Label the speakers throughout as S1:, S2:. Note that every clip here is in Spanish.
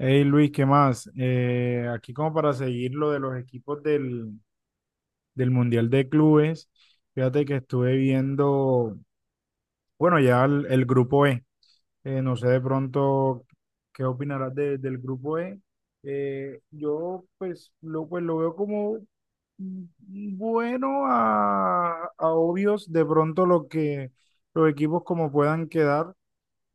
S1: Hey Luis, ¿qué más? Aquí como para seguir lo de los equipos del Mundial de Clubes, fíjate que estuve viendo, bueno, ya el grupo E. No sé de pronto qué opinarás del grupo E. Pues lo veo como bueno a obvios de pronto lo que los equipos como puedan quedar.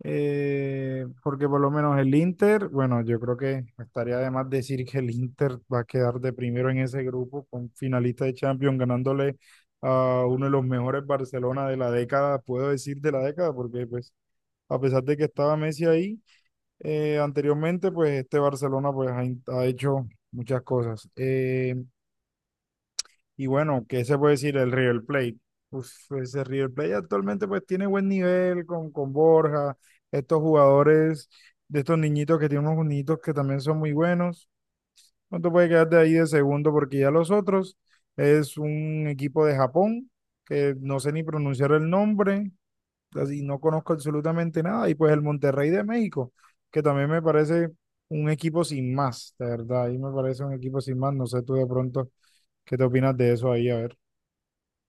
S1: Porque por lo menos el Inter, bueno, yo creo que estaría de más decir que el Inter va a quedar de primero en ese grupo con finalista de Champions, ganándole a uno de los mejores Barcelona de la década, puedo decir de la década, porque pues a pesar de que estaba Messi ahí anteriormente, pues este Barcelona ha hecho muchas cosas. Y bueno, ¿qué se puede decir del River Plate? Uf, ese River Plate actualmente pues tiene buen nivel con Borja, estos jugadores, de estos niñitos, que tienen unos niñitos que también son muy buenos. No te puedes quedar de ahí de segundo porque ya los otros, es un equipo de Japón que no sé ni pronunciar el nombre, así no conozco absolutamente nada. Y pues el Monterrey de México, que también me parece un equipo sin más, de verdad, ahí me parece un equipo sin más. No sé tú de pronto qué te opinas de eso ahí, a ver.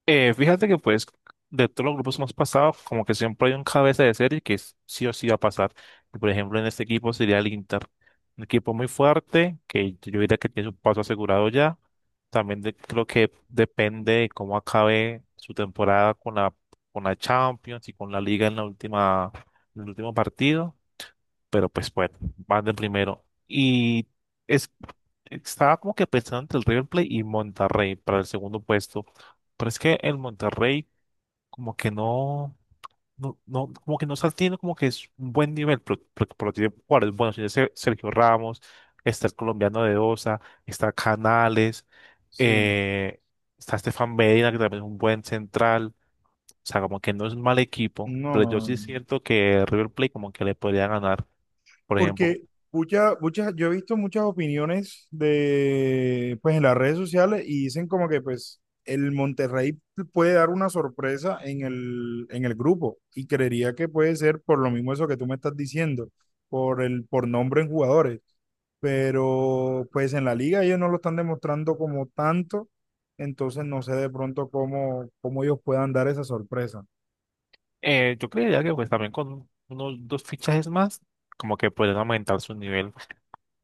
S2: Fíjate que pues de todos los grupos que hemos pasado, como que siempre hay un cabeza de serie que sí o sí va a pasar. Por ejemplo, en este equipo sería el Inter, un equipo muy fuerte que yo diría que tiene su paso asegurado ya. También creo que depende de cómo acabe su temporada con la Champions y con la Liga en en el último partido, pero pues bueno, van del primero. Es, estaba como que pensando entre el River Plate y Monterrey para el segundo puesto, pero es que el Monterrey como que como que no está teniendo como que es un buen nivel, pero tiene jugadores buenos, tiene Sergio Ramos, está el colombiano de Osa, está Canales,
S1: Sí,
S2: eh, está Estefan Medina, que también es un buen central, o sea, como que no es un mal equipo,
S1: no,
S2: pero
S1: no,
S2: yo
S1: no,
S2: sí
S1: no, no.
S2: siento que River Plate como que le podría ganar. Por ejemplo,
S1: Porque yo he visto muchas opiniones de, pues en las redes sociales, y dicen como que pues el Monterrey puede dar una sorpresa en el grupo, y creería que puede ser por lo mismo eso que tú me estás diciendo, por nombre en jugadores. Pero pues en la liga ellos no lo están demostrando como tanto, entonces no sé de pronto cómo ellos puedan dar esa sorpresa.
S2: Yo creería que pues también con unos dos fichajes más, como que pueden aumentar su nivel.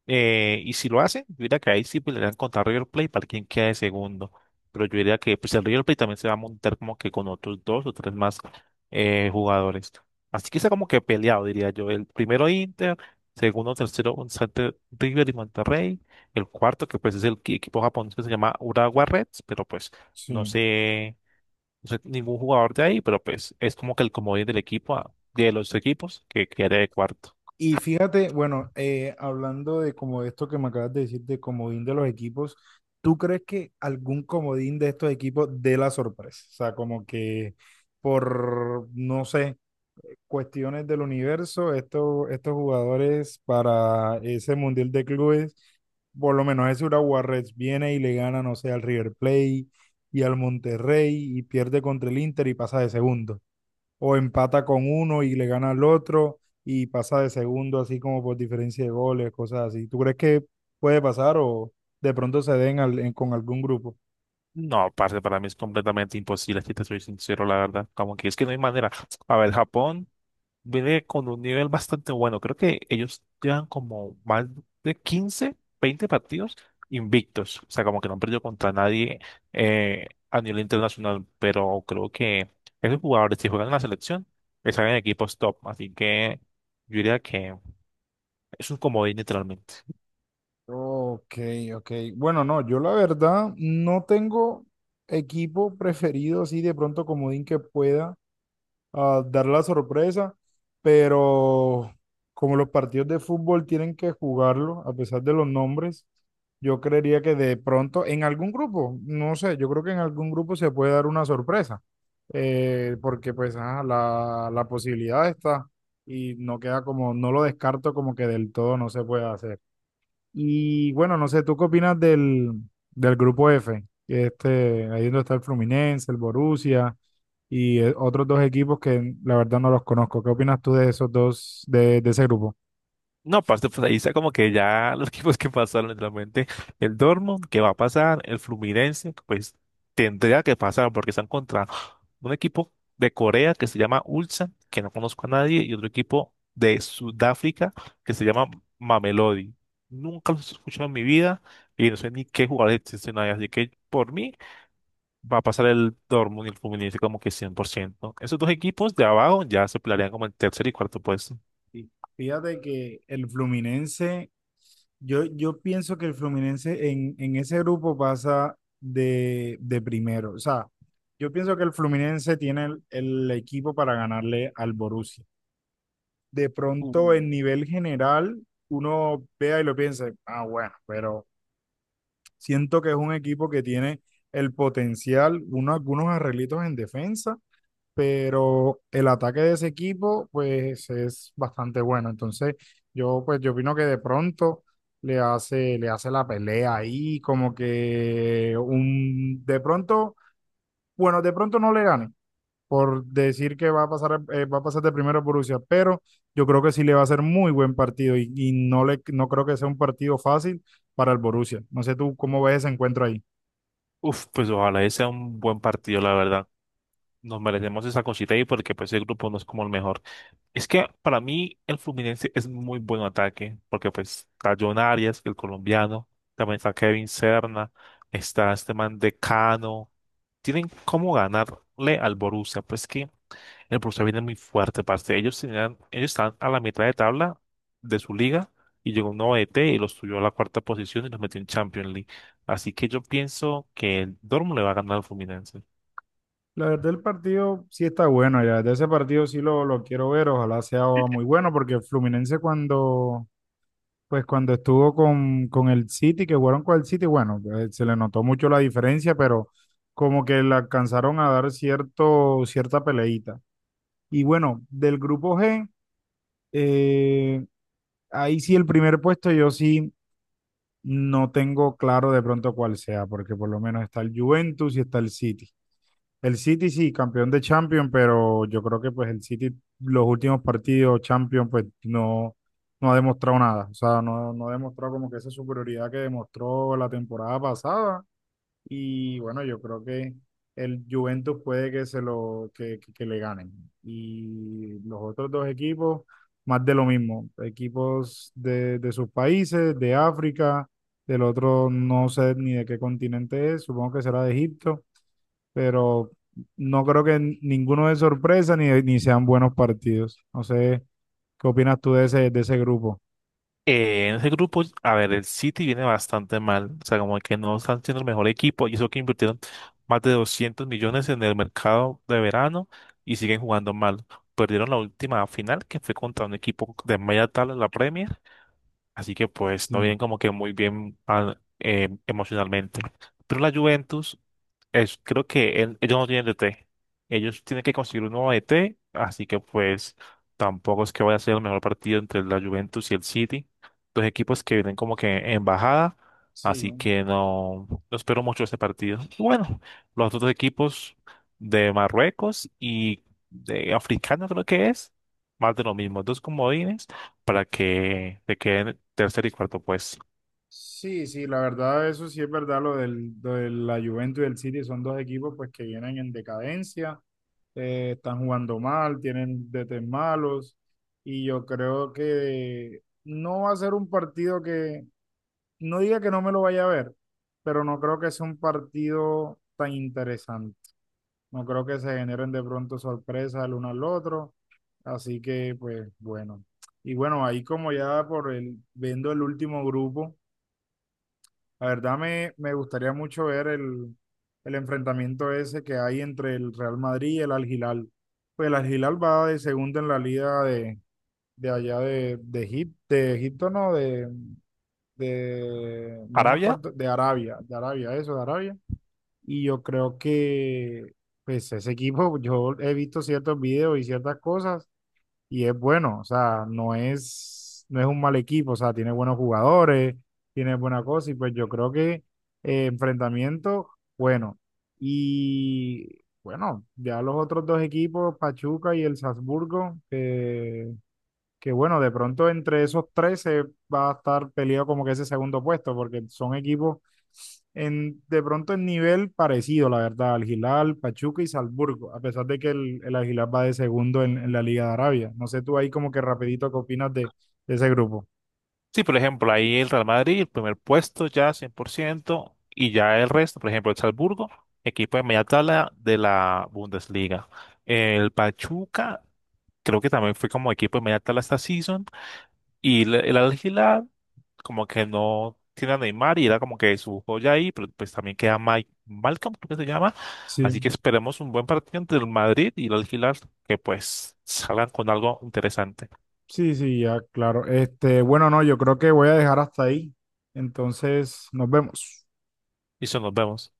S2: Y si lo hacen, yo diría que ahí sí podrían contar River Plate para quien quede segundo. Pero yo diría que pues el River Plate también se va a montar como que con otros dos o tres más jugadores. Así que está como que peleado, diría yo. El primero Inter, segundo, tercero, un River y Monterrey. El cuarto, que pues es el equipo japonés que se llama Urawa Reds, pero pues no
S1: Sí.
S2: sé, no soy ningún jugador de ahí, pero pues es como que el comodín del equipo, ah, de los equipos, que quede de cuarto.
S1: Y fíjate, bueno, hablando de como esto que me acabas de decir, de comodín de los equipos, ¿tú crees que algún comodín de estos equipos dé la sorpresa? O sea, como que por, no sé, cuestiones del universo, estos jugadores para ese Mundial de Clubes, por lo menos ese Urawa Reds viene y le gana, no sé, al River Plate y al Monterrey, y pierde contra el Inter y pasa de segundo, o empata con uno y le gana al otro y pasa de segundo así como por diferencia de goles, cosas así. ¿Tú crees que puede pasar o de pronto se den con algún grupo?
S2: No, parce, para mí es completamente imposible, si te soy sincero, la verdad. Como que es que no hay manera. A ver, Japón viene con un nivel bastante bueno. Creo que ellos llevan como más de 15, 20 partidos invictos. O sea, como que no han perdido contra nadie a nivel internacional. Pero creo que esos jugadores, si juegan en la selección, están en equipos top. Así que yo diría que es un comodín, literalmente.
S1: Ok, ok. Bueno, no, yo la verdad no tengo equipo preferido así de pronto comodín que pueda a dar la sorpresa, pero como los partidos de fútbol tienen que jugarlo, a pesar de los nombres, yo creería que de pronto en algún grupo, no sé, yo creo que en algún grupo se puede dar una sorpresa, porque pues la posibilidad está, y no queda como, no lo descarto como que del todo no se puede hacer. Y bueno, no sé, ¿tú qué opinas del grupo F? Que este, ahí donde está el Fluminense, el Borussia y otros dos equipos que la verdad no los conozco. ¿Qué opinas tú de esos dos, de ese grupo?
S2: No, aparte, pues ahí está como que ya los equipos que pasaron, literalmente. El Dortmund, que va a pasar, el Fluminense, pues tendría que pasar porque están contra un equipo de Corea que se llama Ulsan, que no conozco a nadie, y otro equipo de Sudáfrica que se llama Mamelodi. Nunca los he escuchado en mi vida y no sé ni qué jugadores existen ahí, así que por mí va a pasar el Dortmund y el Fluminense como que cien por ciento. Esos dos equipos de abajo ya se pelearían como el tercer y cuarto puesto.
S1: Sí. Fíjate que el Fluminense, yo pienso que el Fluminense en ese grupo pasa de primero. O sea, yo pienso que el Fluminense tiene el equipo para ganarle al Borussia. De pronto en nivel general uno vea y lo piense, ah, bueno, pero siento que es un equipo que tiene el potencial, uno, algunos arreglitos en defensa, pero el ataque de ese equipo pues es bastante bueno. Entonces yo opino que de pronto le hace la pelea ahí, como que un, de pronto, bueno, de pronto no le gane, por decir que va a pasar, va a pasar de primero Borussia, pero yo creo que sí le va a ser muy buen partido, y no creo que sea un partido fácil para el Borussia. No sé tú cómo ves ese encuentro ahí.
S2: Uf, pues ojalá ese sea un buen partido, la verdad. Nos merecemos esa cosita ahí porque pues el grupo no es como el mejor. Es que para mí el Fluminense es muy buen ataque porque pues está John Arias, el colombiano, también está Kevin Serna, está este man de Cano. Tienen cómo ganarle al Borussia. Pues que el Borussia viene muy fuerte, parce. Ellos están a la mitad de tabla de su liga y llegó un nuevo DT y los subió a la cuarta posición y los metió en Champions League. Así que yo pienso que el Dortmund le va a ganar al Fluminense.
S1: La verdad, el partido sí está bueno, ya de ese partido sí lo quiero ver, ojalá sea muy bueno, porque Fluminense pues cuando estuvo con el City, que jugaron con el City, bueno, se le notó mucho la diferencia, pero como que le alcanzaron a dar cierta peleita. Y bueno, del grupo G, Eh, ahí sí el primer puesto yo sí no tengo claro de pronto cuál sea, porque por lo menos está el Juventus y está el City. El City sí, campeón de Champions, pero yo creo que pues el City los últimos partidos Champions pues no, no ha demostrado nada, o sea, no, no ha demostrado como que esa superioridad que demostró la temporada pasada, y bueno, yo creo que el Juventus puede que se lo que le ganen. Y los otros dos equipos, más de lo mismo. Equipos de sus países, de África, del otro no sé ni de qué continente es, supongo que será de Egipto, pero no creo que ninguno de sorpresa ni sean buenos partidos. No sé, ¿qué opinas tú de ese grupo?
S2: En ese grupo, a ver, el City viene bastante mal. O sea, como que no están siendo el mejor equipo y eso que invirtieron más de 200 millones en el mercado de verano y siguen jugando mal. Perdieron la última final que fue contra un equipo de media tabla en la Premier. Así que pues no
S1: Sí.
S2: vienen como que muy bien emocionalmente. Pero la Juventus, es, creo que ellos no tienen DT. Ellos tienen que conseguir un nuevo DT, así que pues tampoco es que vaya a ser el mejor partido entre la Juventus y el City. Dos equipos que vienen como que en bajada,
S1: Sí.
S2: así que no, no espero mucho este partido. Y bueno, los otros equipos de Marruecos y de africano creo que es, más de lo mismo, dos comodines para que te queden en tercer y cuarto puesto.
S1: Sí, sí, la verdad, eso sí es verdad, lo de la Juventus y el City son dos equipos pues que vienen en decadencia, están jugando mal, tienen DT malos, y yo creo que no va a ser un partido que, no diga que no me lo vaya a ver, pero no creo que sea un partido tan interesante. No creo que se generen de pronto sorpresas el uno al otro, así que pues bueno. Y bueno, ahí como ya por el, viendo el último grupo. La verdad me gustaría mucho ver el enfrentamiento ese que hay entre el Real Madrid y el Al Hilal. Pues el Al Hilal va de segundo en la liga de allá Egip- de Egipto, no, no me
S2: Arabia,
S1: acuerdo, de Arabia, eso, de Arabia. Y yo creo que pues ese equipo, yo he visto ciertos videos y ciertas cosas, y es bueno, o sea, no es un mal equipo, o sea, tiene buenos jugadores, tiene buena cosa, y pues yo creo que enfrentamiento, bueno, y bueno, ya los otros dos equipos, Pachuca y el Salzburgo, que bueno, de pronto entre esos tres se va a estar peleado como que ese segundo puesto, porque son equipos en, de pronto en nivel parecido, la verdad, al Hilal, Pachuca y Salzburgo, a pesar de que el Al Hilal va de segundo en la Liga de Arabia. No sé tú ahí como que rapidito qué opinas de ese grupo.
S2: sí, por ejemplo, ahí el Real Madrid, el primer puesto ya 100% y ya el resto, por ejemplo, el Salzburgo, equipo de media tabla de la Bundesliga. El Pachuca, creo que también fue como equipo de media tabla esta season, y el Al Hilal, como que no tiene a Neymar y era como que su joya ahí, pero pues también queda Mike Malcolm, creo que se llama. Así
S1: Sí,
S2: que esperemos un buen partido entre el Madrid y el Al Hilal, que pues salgan con algo interesante.
S1: sí, sí, ya, claro. Este, bueno, no, yo creo que voy a dejar hasta ahí. Entonces, nos vemos.
S2: Y eso, nos vemos.